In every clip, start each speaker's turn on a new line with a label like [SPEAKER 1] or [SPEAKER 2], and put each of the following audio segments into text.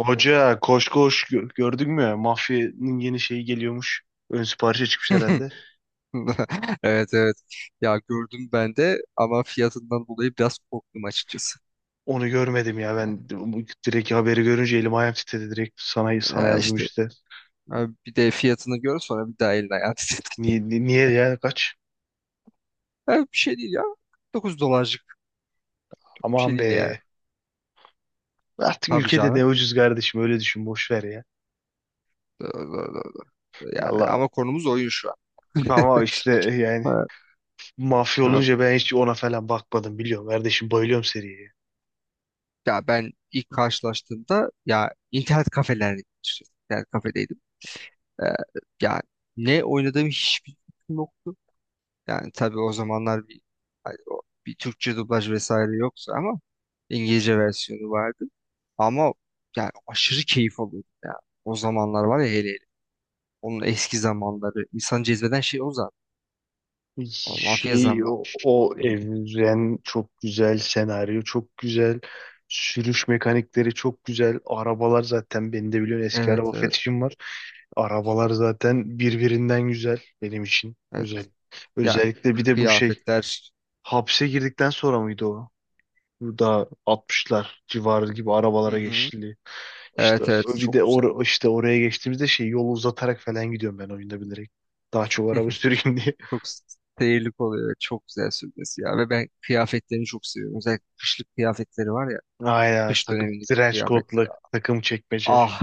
[SPEAKER 1] Hoca, koş koş gördün mü? Mafyanın yeni şeyi geliyormuş. Ön siparişe çıkmış herhalde.
[SPEAKER 2] Evet evet. Ya gördüm ben de ama fiyatından dolayı biraz korktum açıkçası.
[SPEAKER 1] Onu görmedim ya ben. Direkt haberi görünce elim ayağım titredi, direkt sana
[SPEAKER 2] Ya
[SPEAKER 1] yazdım
[SPEAKER 2] işte,
[SPEAKER 1] işte.
[SPEAKER 2] ha bir de fiyatını gör sonra bir daha eline ayağını titir.
[SPEAKER 1] Niye, ni- niye ya, kaç?
[SPEAKER 2] Ha, bir şey değil ya. 49 dolarcık bir şey
[SPEAKER 1] Aman
[SPEAKER 2] değil yani.
[SPEAKER 1] be. Artık
[SPEAKER 2] Tabii
[SPEAKER 1] ülkede ne
[SPEAKER 2] canım.
[SPEAKER 1] ucuz kardeşim, öyle düşün, boş ver ya.
[SPEAKER 2] Doğru, doğru, doğru, doğru. Yani
[SPEAKER 1] Allah,
[SPEAKER 2] ama konumuz oyun şu an.
[SPEAKER 1] ama işte yani,
[SPEAKER 2] Ha,
[SPEAKER 1] mafya
[SPEAKER 2] ha.
[SPEAKER 1] olunca ben hiç ona falan bakmadım, biliyorum kardeşim, bayılıyorum seriye.
[SPEAKER 2] Ya ben ilk karşılaştığımda, ya internet kafelerde, internet kafedeydim. Ee, Yani ne oynadığım hiçbir fikrim yok. Yani tabii o zamanlar bir, hani bir Türkçe dublaj vesaire yoksa ama İngilizce versiyonu vardı. Ama yani aşırı keyif alıyordum ya. O zamanlar var ya, hele hele. Onun eski zamanları. İnsanı cezbeden şey o zaten. O mafya
[SPEAKER 1] Şey,
[SPEAKER 2] zamanı.
[SPEAKER 1] o, o evren çok güzel, senaryo çok güzel, sürüş mekanikleri çok güzel, arabalar zaten, beni de biliyorsun, eski
[SPEAKER 2] Evet
[SPEAKER 1] araba
[SPEAKER 2] evet.
[SPEAKER 1] fetişim var. Arabalar zaten birbirinden güzel, benim için özel.
[SPEAKER 2] Evet. Yani
[SPEAKER 1] Özellikle bir de bu şey,
[SPEAKER 2] kıyafetler.
[SPEAKER 1] hapse girdikten sonra mıydı o? Burada altmışlar civarı gibi
[SPEAKER 2] Hı
[SPEAKER 1] arabalara
[SPEAKER 2] hı.
[SPEAKER 1] geçildi. İşte
[SPEAKER 2] Evet evet,
[SPEAKER 1] bir
[SPEAKER 2] çok
[SPEAKER 1] de
[SPEAKER 2] güzel.
[SPEAKER 1] or işte oraya geçtiğimizde şey, yolu uzatarak falan gidiyorum ben oyunda bilerek. Daha çok araba süreyim diye.
[SPEAKER 2] Çok seyirlik oluyor. Ve çok güzel sürmesi ya. Ve ben kıyafetlerini çok seviyorum. Özellikle kışlık kıyafetleri var ya.
[SPEAKER 1] Aynen,
[SPEAKER 2] Kış
[SPEAKER 1] takım
[SPEAKER 2] dönemindeki o
[SPEAKER 1] trench
[SPEAKER 2] kıyafetleri.
[SPEAKER 1] coat'la, takım çekmece.
[SPEAKER 2] Ah,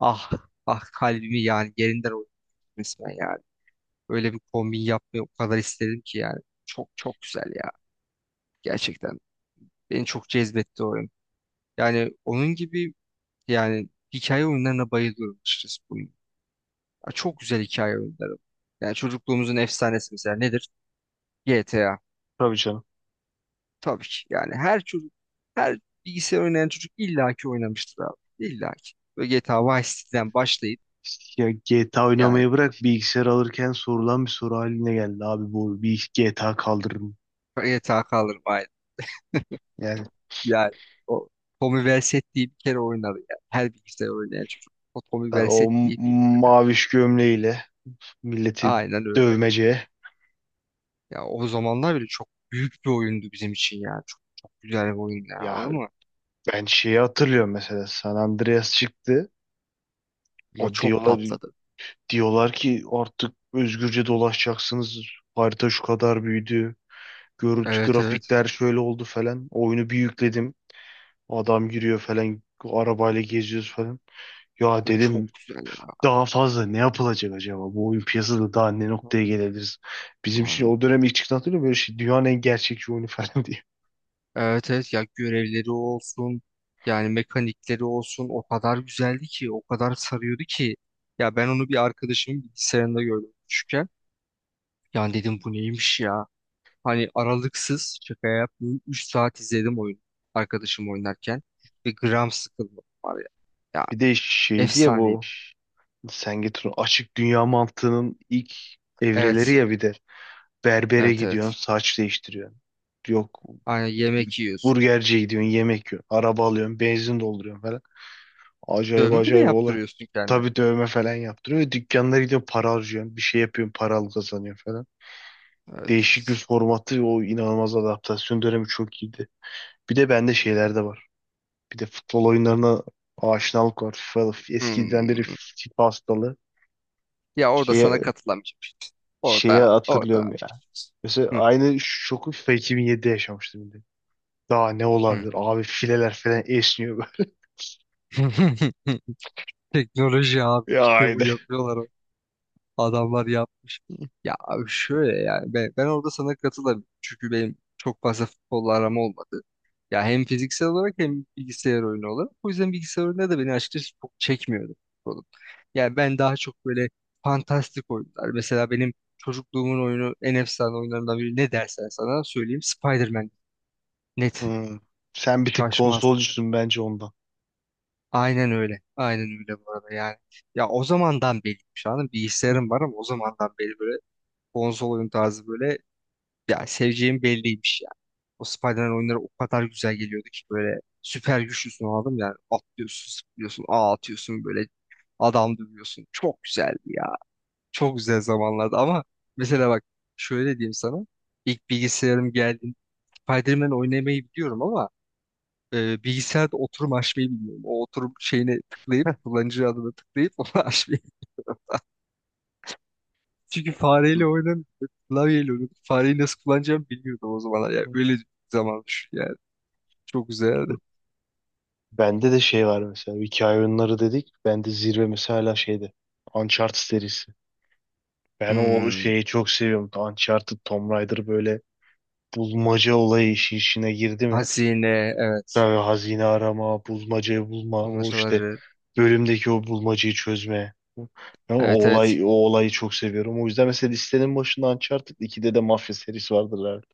[SPEAKER 2] ah, ah, kalbimi yani yerinden oynadım resmen yani. Öyle bir kombin yapmayı o kadar istedim ki yani. Çok çok güzel ya, gerçekten. Beni çok cezbetti o oyun. Yani onun gibi, yani hikaye oyunlarına bayılıyorum açıkçası bunun. Ya çok güzel hikaye oyunları. Yani çocukluğumuzun efsanesi mesela nedir? GTA.
[SPEAKER 1] Tabii canım.
[SPEAKER 2] Tabii ki yani her çocuk, her bilgisayar oynayan çocuk illaki oynamıştır abi. İllaki. Böyle GTA Vice City'den başlayıp,
[SPEAKER 1] Ya GTA
[SPEAKER 2] yani
[SPEAKER 1] oynamayı bırak, bilgisayar alırken sorulan bir soru haline geldi abi, bu bir GTA kaldırırım.
[SPEAKER 2] GTA kalır.
[SPEAKER 1] Yani
[SPEAKER 2] Yani o Tommy Vercetti'yi bir kere oynadı ya. Her bilgisayar oynayan çocuk. O Tommy
[SPEAKER 1] ha,
[SPEAKER 2] Vercetti'yi bildi.
[SPEAKER 1] maviş gömleğiyle milleti
[SPEAKER 2] Aynen öyle.
[SPEAKER 1] dövmece.
[SPEAKER 2] Ya o zamanlar bile çok büyük bir oyundu bizim için ya. Çok, çok güzel bir oyundu ya,
[SPEAKER 1] Ya
[SPEAKER 2] anladın mı?
[SPEAKER 1] ben şeyi hatırlıyorum, mesela San Andreas çıktı.
[SPEAKER 2] O
[SPEAKER 1] La,
[SPEAKER 2] çok
[SPEAKER 1] diyorlar.
[SPEAKER 2] patladı.
[SPEAKER 1] Diyorlar ki artık özgürce dolaşacaksınız. Harita şu kadar büyüdü. Görüntü,
[SPEAKER 2] Evet evet.
[SPEAKER 1] grafikler şöyle oldu falan. Oyunu bir yükledim. Adam giriyor falan. Arabayla geziyoruz falan. Ya
[SPEAKER 2] Ve çok
[SPEAKER 1] dedim,
[SPEAKER 2] güzel ya.
[SPEAKER 1] daha fazla ne yapılacak acaba? Bu oyun piyasada daha ne noktaya gelebiliriz? Bizim için
[SPEAKER 2] Yani,
[SPEAKER 1] o dönem ilk çıktı, hatırlıyor musun? Böyle şey, dünyanın en gerçekçi oyunu falan diye.
[SPEAKER 2] evet evet, ya görevleri olsun. Yani mekanikleri olsun. O kadar güzeldi ki. O kadar sarıyordu ki. Ya ben onu bir arkadaşımın bilgisayarında gördüm küçükken. Yani dedim bu neymiş ya? Hani aralıksız şaka yapmıyorum. 3 saat izledim oyunu. Arkadaşım oynarken. Ve gram sıkılmadım var ya. Ya
[SPEAKER 1] Bir de şey diye, bu
[SPEAKER 2] efsaneydi.
[SPEAKER 1] sen, açık dünya mantığının ilk evreleri
[SPEAKER 2] Evet.
[SPEAKER 1] ya, bir de berbere
[SPEAKER 2] Evet evet.
[SPEAKER 1] gidiyorsun, saç değiştiriyorsun. Yok,
[SPEAKER 2] Aynen, yemek yiyorsun.
[SPEAKER 1] burgerciye gidiyorsun, yemek yiyorsun, araba alıyorsun, benzin dolduruyorsun falan. Acayip
[SPEAKER 2] Dövme bile
[SPEAKER 1] acayip olay.
[SPEAKER 2] yaptırıyorsun kendine.
[SPEAKER 1] Tabii dövme falan yaptırıyor. Dükkanlara gidiyorsun, para harcıyorsun, bir şey yapıyorsun, para kazanıyorsun falan.
[SPEAKER 2] Evet,
[SPEAKER 1] Değişik bir
[SPEAKER 2] evet.
[SPEAKER 1] formatı, o inanılmaz adaptasyon dönemi çok iyiydi. Bir de bende şeyler de var. Bir de futbol oyunlarına aşinalık var. Eskiden beri
[SPEAKER 2] Hmm.
[SPEAKER 1] FIFA hastalığı.
[SPEAKER 2] Ya orada sana
[SPEAKER 1] Şeye,
[SPEAKER 2] katılamayacağım işte. Orada, orada.
[SPEAKER 1] hatırlıyorum ya. Mesela
[SPEAKER 2] Hı,
[SPEAKER 1] aynı şoku FIFA 2007'de yaşamıştım, bir de. Daha ne
[SPEAKER 2] hı.
[SPEAKER 1] olabilir? Abi, fileler falan esniyor böyle.
[SPEAKER 2] Teknoloji abi, işte
[SPEAKER 1] Ya.
[SPEAKER 2] bu yapıyorlar. Adamlar yapmış. Ya abi şöyle yani ben orada sana katılırım. Çünkü benim çok fazla futbolla aram olmadı. Ya hem fiziksel olarak hem bilgisayar oyunu olarak. O yüzden bilgisayar oyunu da beni açıkçası çok çekmiyordu, futbolun. Yani ben daha çok böyle fantastik oyunlar. Mesela benim çocukluğumun oyunu, en efsane oyunlarından biri ne dersen sana söyleyeyim. Spider-Man. Net.
[SPEAKER 1] Hmm. Sen bir tık
[SPEAKER 2] Şaşmaz.
[SPEAKER 1] konsolcusun bence, ondan.
[SPEAKER 2] Aynen öyle. Aynen öyle bu arada yani. Ya o zamandan beri şu an
[SPEAKER 1] Hı.
[SPEAKER 2] bilgisayarım var ama o zamandan beri böyle konsol oyun tarzı böyle. Ya seveceğim belliymiş ya. O Spider-Man oyunları o kadar güzel geliyordu ki, böyle süper güçlüsün aldım yani, atlıyorsun, zıplıyorsun, ağ atıyorsun, böyle adam dövüyorsun. Çok güzeldi ya. Çok güzel zamanlardı ama, mesela bak, şöyle diyeyim sana. İlk bilgisayarım geldiğinde Spider-Man oynamayı biliyorum ama bilgisayarda oturum açmayı bilmiyorum. O oturum şeyine tıklayıp kullanıcı adını tıklayıp onu açmayı, çünkü
[SPEAKER 1] Hı.
[SPEAKER 2] fareyle oynan klavyeyle oynadım. Fareyi nasıl kullanacağımı bilmiyordum o zamanlar. Yani
[SPEAKER 1] Hı.
[SPEAKER 2] öyle bir zaman düşün yani. Çok güzeldi.
[SPEAKER 1] Hı. Bende de şey var, mesela hikaye oyunları dedik. Bende zirve mesela şeydi. Uncharted serisi. Ben o
[SPEAKER 2] Hmm,
[SPEAKER 1] şeyi çok seviyorum. Uncharted, Tomb Raider, böyle bulmaca olayı işi işine girdi mi?
[SPEAKER 2] hazine, evet.
[SPEAKER 1] Tabii, hazine arama, bulmacayı bulma, o işte
[SPEAKER 2] Bulmacaları.
[SPEAKER 1] bölümdeki o bulmacayı çözme. Ya o
[SPEAKER 2] Evet evet.
[SPEAKER 1] olay, o olayı çok seviyorum. O yüzden mesela listenin başında Uncharted 2'de de Mafya serisi vardır herhalde.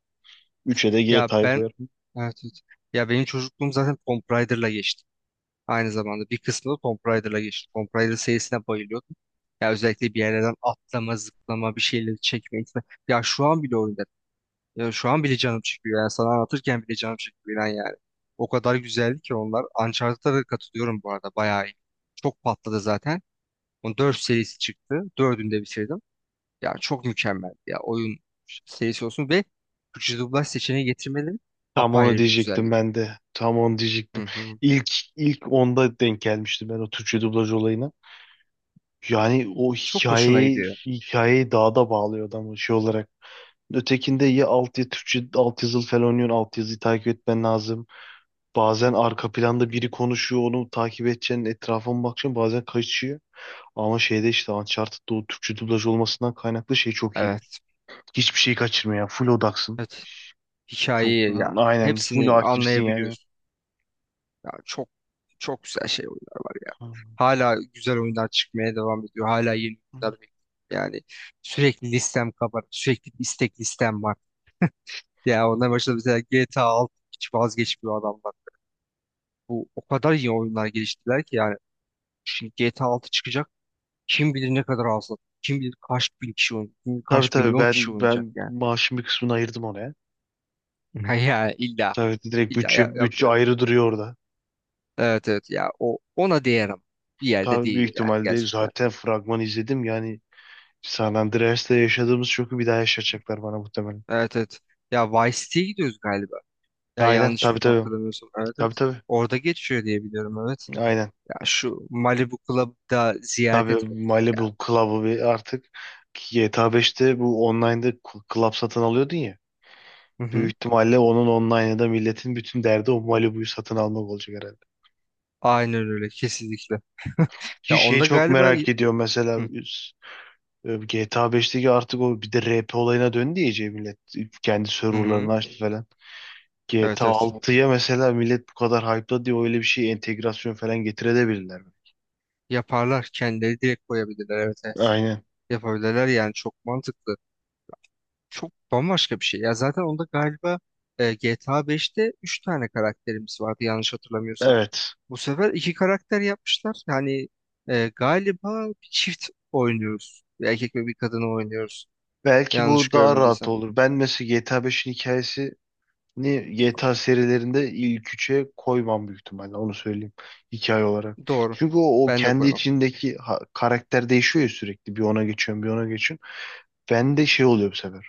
[SPEAKER 1] 3'e de
[SPEAKER 2] Ya
[SPEAKER 1] GTA
[SPEAKER 2] ben,
[SPEAKER 1] koyarım.
[SPEAKER 2] evet, evet. Ya benim çocukluğum zaten Tomb Raider'la geçti. Aynı zamanda bir kısmı da Tomb Raider'la geçti. Tomb Raider serisine bayılıyordum. Ya özellikle bir yerlerden atlama, zıplama, bir şeyleri çekme, itme. Ya şu an bile oyunda, ya şu an bile canım çıkıyor yani sana anlatırken bile canım çıkıyor, inan yani. O kadar güzeldi ki onlar. Uncharted'a da katılıyorum bu arada, bayağı iyi. Çok patladı zaten. Onun 4 serisi çıktı. 4'ünü de bitirdim. Ya çok mükemmel ya, oyun serisi olsun ve Türkçe dublaj seçeneği getirmeleri
[SPEAKER 1] Tam onu
[SPEAKER 2] apayrı bir
[SPEAKER 1] diyecektim
[SPEAKER 2] güzellik.
[SPEAKER 1] ben de. Tam onu
[SPEAKER 2] Hı
[SPEAKER 1] diyecektim.
[SPEAKER 2] hı.
[SPEAKER 1] İlk ilk onda denk gelmiştim ben o Türkçe dublaj olayına. Yani o
[SPEAKER 2] Çok hoşuna
[SPEAKER 1] hikayeyi
[SPEAKER 2] gidiyor.
[SPEAKER 1] hikayeyi daha da bağlıyor adamı şey olarak. Ötekinde ya alt, ya Türkçe alt yazılı falan oynuyorsun. Alt yazıyı takip etmen lazım. Bazen arka planda biri konuşuyor, onu takip edeceksin. Etrafına bakacaksın, bazen kaçıyor. Ama şeyde işte, Uncharted'da o Türkçe dublaj olmasından kaynaklı şey çok iyiydi.
[SPEAKER 2] Evet.
[SPEAKER 1] Hiçbir şeyi kaçırmıyor ya. Full odaksın.
[SPEAKER 2] Evet.
[SPEAKER 1] Çok,
[SPEAKER 2] Hikayeyi ya
[SPEAKER 1] aynen full
[SPEAKER 2] hepsini
[SPEAKER 1] hakimsin yani.
[SPEAKER 2] anlayabiliyorsun. Ya çok, çok güzel şey oyunlar var ya. Hala güzel oyunlar çıkmaya devam ediyor. Hala yeni oyunlar bekliyorum. Yani sürekli listem kabarık. Sürekli bir istek listem var. Ya ondan başında mesela GTA 6, hiç vazgeçmiyor adamlar. Bu o kadar iyi oyunlar geliştirdiler ki, yani şimdi GTA 6 çıkacak. Kim bilir ne kadar az. Kim bilir kaç bin kişi oynayacak. Kim bilir
[SPEAKER 1] Tabii
[SPEAKER 2] kaç
[SPEAKER 1] tabii,
[SPEAKER 2] milyon kişi
[SPEAKER 1] ben
[SPEAKER 2] oynayacak
[SPEAKER 1] ben
[SPEAKER 2] yani.
[SPEAKER 1] maaşın bir kısmını ayırdım oraya.
[SPEAKER 2] Hı hı. Yani illa
[SPEAKER 1] Tabii direkt,
[SPEAKER 2] illa,
[SPEAKER 1] bütçe
[SPEAKER 2] yapacak bir şey
[SPEAKER 1] bütçe
[SPEAKER 2] yok.
[SPEAKER 1] ayrı duruyor orada.
[SPEAKER 2] Evet evet ya, o ona değer ama bir yerde
[SPEAKER 1] Tabii, büyük
[SPEAKER 2] değiyor yani
[SPEAKER 1] ihtimalle
[SPEAKER 2] gerçekten.
[SPEAKER 1] zaten fragmanı izledim. Yani San Andreas'ta yaşadığımız şoku bir daha yaşatacaklar bana muhtemelen.
[SPEAKER 2] Evet evet. Ya Vice City'ye gidiyoruz galiba. Ya
[SPEAKER 1] Aynen
[SPEAKER 2] yanlış
[SPEAKER 1] tabii
[SPEAKER 2] bir
[SPEAKER 1] tabii.
[SPEAKER 2] hatırlamıyorsam. Evet
[SPEAKER 1] Tabii
[SPEAKER 2] evet.
[SPEAKER 1] tabii.
[SPEAKER 2] Orada geçiyor diye biliyorum, evet.
[SPEAKER 1] Aynen.
[SPEAKER 2] Ya şu Malibu Club'ı da ziyaret
[SPEAKER 1] Tabii
[SPEAKER 2] etmek. Ya.
[SPEAKER 1] Malibu Club'ı bir artık, GTA 5'te bu online'da club satın alıyordun ya.
[SPEAKER 2] Hı
[SPEAKER 1] Büyük
[SPEAKER 2] hı.
[SPEAKER 1] ihtimalle onun online'da milletin bütün derdi o Malibu'yu satın almak olacak herhalde.
[SPEAKER 2] Aynen öyle, kesinlikle.
[SPEAKER 1] Ki
[SPEAKER 2] Ya
[SPEAKER 1] şeyi
[SPEAKER 2] onda
[SPEAKER 1] çok
[SPEAKER 2] galiba, hı
[SPEAKER 1] merak ediyorum mesela.
[SPEAKER 2] hı,
[SPEAKER 1] GTA 5'teki artık o bir de RP olayına döndü ya, iyice millet. Kendi
[SPEAKER 2] hı.
[SPEAKER 1] serverlarını açtı falan.
[SPEAKER 2] Evet
[SPEAKER 1] GTA
[SPEAKER 2] evet.
[SPEAKER 1] 6'ya mesela, millet bu kadar hype'la diye, öyle bir şey entegrasyon falan getirebilirler mi?
[SPEAKER 2] Yaparlar. Kendileri direkt koyabilirler. Evet evet.
[SPEAKER 1] Aynen.
[SPEAKER 2] Yapabilirler yani, çok mantıklı. Çok bambaşka bir şey. Ya zaten onda galiba, GTA 5'te 3 tane karakterimiz vardı yanlış hatırlamıyorsam.
[SPEAKER 1] Evet.
[SPEAKER 2] Bu sefer iki karakter yapmışlar. Yani galiba bir çift oynuyoruz. Bir erkek ve bir kadını oynuyoruz.
[SPEAKER 1] Belki
[SPEAKER 2] Yanlış
[SPEAKER 1] bu daha rahat
[SPEAKER 2] görmediysem.
[SPEAKER 1] olur. Ben mesela GTA 5'in hikayesini GTA serilerinde ilk üçe koymam, büyük ihtimalle. Onu söyleyeyim. Hikaye olarak.
[SPEAKER 2] Doğru.
[SPEAKER 1] Çünkü o, o
[SPEAKER 2] Ben de
[SPEAKER 1] kendi
[SPEAKER 2] koymam.
[SPEAKER 1] içindeki karakter değişiyor ya sürekli. Bir ona geçiyorum, bir ona geçiyorum. Ben de şey oluyor bu sefer.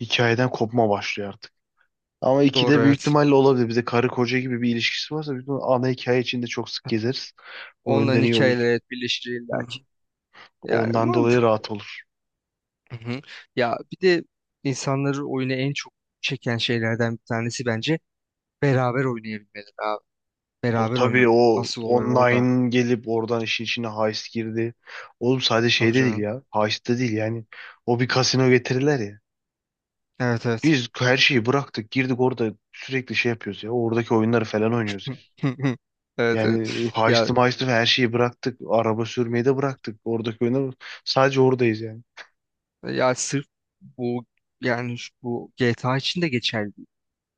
[SPEAKER 1] Hikayeden kopma başlıyor artık. Ama
[SPEAKER 2] Doğru,
[SPEAKER 1] ikide büyük
[SPEAKER 2] evet.
[SPEAKER 1] ihtimalle olabilir. Bir de karı koca gibi bir ilişkisi varsa, büyük ihtimalle ana hikaye içinde çok sık gezeriz. O
[SPEAKER 2] Onların
[SPEAKER 1] yönden iyi olur.
[SPEAKER 2] hikayeleri, evet, birleşir illa
[SPEAKER 1] Hı.
[SPEAKER 2] ki. Yani
[SPEAKER 1] Ondan dolayı
[SPEAKER 2] mantıklı.
[SPEAKER 1] rahat olur.
[SPEAKER 2] Hı hı. Ya bir de insanları oyuna en çok çeken şeylerden bir tanesi, bence, beraber oynayabilmeleri abi.
[SPEAKER 1] O
[SPEAKER 2] Beraber
[SPEAKER 1] tabii,
[SPEAKER 2] oynamak.
[SPEAKER 1] o
[SPEAKER 2] Asıl olay orada.
[SPEAKER 1] online gelip oradan işin içine heist girdi. Oğlum, sadece
[SPEAKER 2] Tabii
[SPEAKER 1] şeyde değil
[SPEAKER 2] canım.
[SPEAKER 1] ya. Heist'te değil yani. O bir kasino getirirler ya.
[SPEAKER 2] Evet evet.
[SPEAKER 1] Biz her şeyi bıraktık, girdik orada, sürekli şey yapıyoruz ya. Oradaki oyunları falan oynuyoruz ya.
[SPEAKER 2] Evet evet.
[SPEAKER 1] Yani
[SPEAKER 2] Ya
[SPEAKER 1] heist'i meist'i her şeyi bıraktık. Araba sürmeyi de bıraktık. Oradaki oyunları, sadece oradayız yani.
[SPEAKER 2] Ya sırf bu yani bu GTA için de geçerli.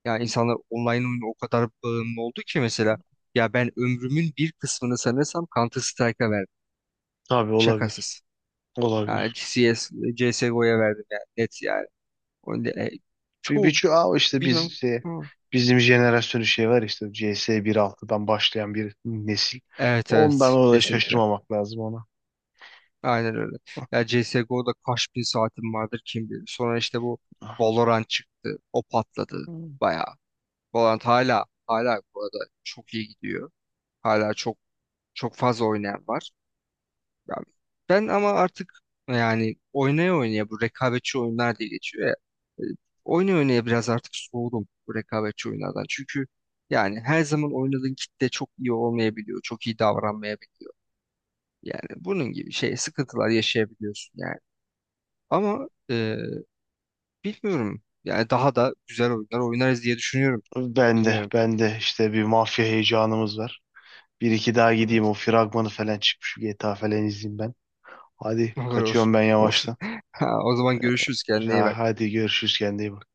[SPEAKER 2] Yani insanlar online oyuna o kadar bağımlı oldu ki mesela, ya ben ömrümün bir kısmını sanırsam Counter Strike'a verdim.
[SPEAKER 1] Tabii olabilir.
[SPEAKER 2] Şakasız. Yani
[SPEAKER 1] Olabilir.
[SPEAKER 2] CS, CSGO'ya verdim yani, net yani. O ne- e,
[SPEAKER 1] Bir
[SPEAKER 2] Çoğu
[SPEAKER 1] şu, işte
[SPEAKER 2] bilmem.
[SPEAKER 1] biz şey,
[SPEAKER 2] Hı.
[SPEAKER 1] bizim jenerasyonu şey var işte, CS 1.6'dan başlayan bir nesil.
[SPEAKER 2] Evet
[SPEAKER 1] Ondan
[SPEAKER 2] evet,
[SPEAKER 1] orada
[SPEAKER 2] kesinlikle.
[SPEAKER 1] şaşırmamak lazım ona.
[SPEAKER 2] Aynen öyle. Ya CSGO'da kaç bin saatim vardır, kim bilir. Sonra işte bu Valorant çıktı. O patladı
[SPEAKER 1] Hmm.
[SPEAKER 2] bayağı. Valorant hala hala bu arada çok iyi gidiyor. Hala çok, çok fazla oynayan var. Ya ben ama artık, yani oynaya oynaya bu rekabetçi oyunlar diye geçiyor ya. e, Oynaya oynaya biraz artık soğudum bu rekabetçi oyunlardan. Çünkü yani her zaman oynadığın kitle çok iyi olmayabiliyor. Çok iyi davranmayabiliyor. Yani bunun gibi şey sıkıntılar yaşayabiliyorsun yani. Ama bilmiyorum. Yani daha da güzel oyunlar oynarız diye düşünüyorum.
[SPEAKER 1] Ben de
[SPEAKER 2] Bilmiyorum.
[SPEAKER 1] ben de işte, bir mafya heyecanımız var. Bir iki daha gideyim,
[SPEAKER 2] Evet.
[SPEAKER 1] o fragmanı falan çıkmış. GTA falan izleyeyim ben. Hadi
[SPEAKER 2] Olur olur.
[SPEAKER 1] kaçıyorum ben
[SPEAKER 2] Olur.
[SPEAKER 1] yavaştan.
[SPEAKER 2] Ha, o zaman görüşürüz. Kendine iyi
[SPEAKER 1] Ha,
[SPEAKER 2] bak.
[SPEAKER 1] hadi görüşürüz, kendine iyi bak.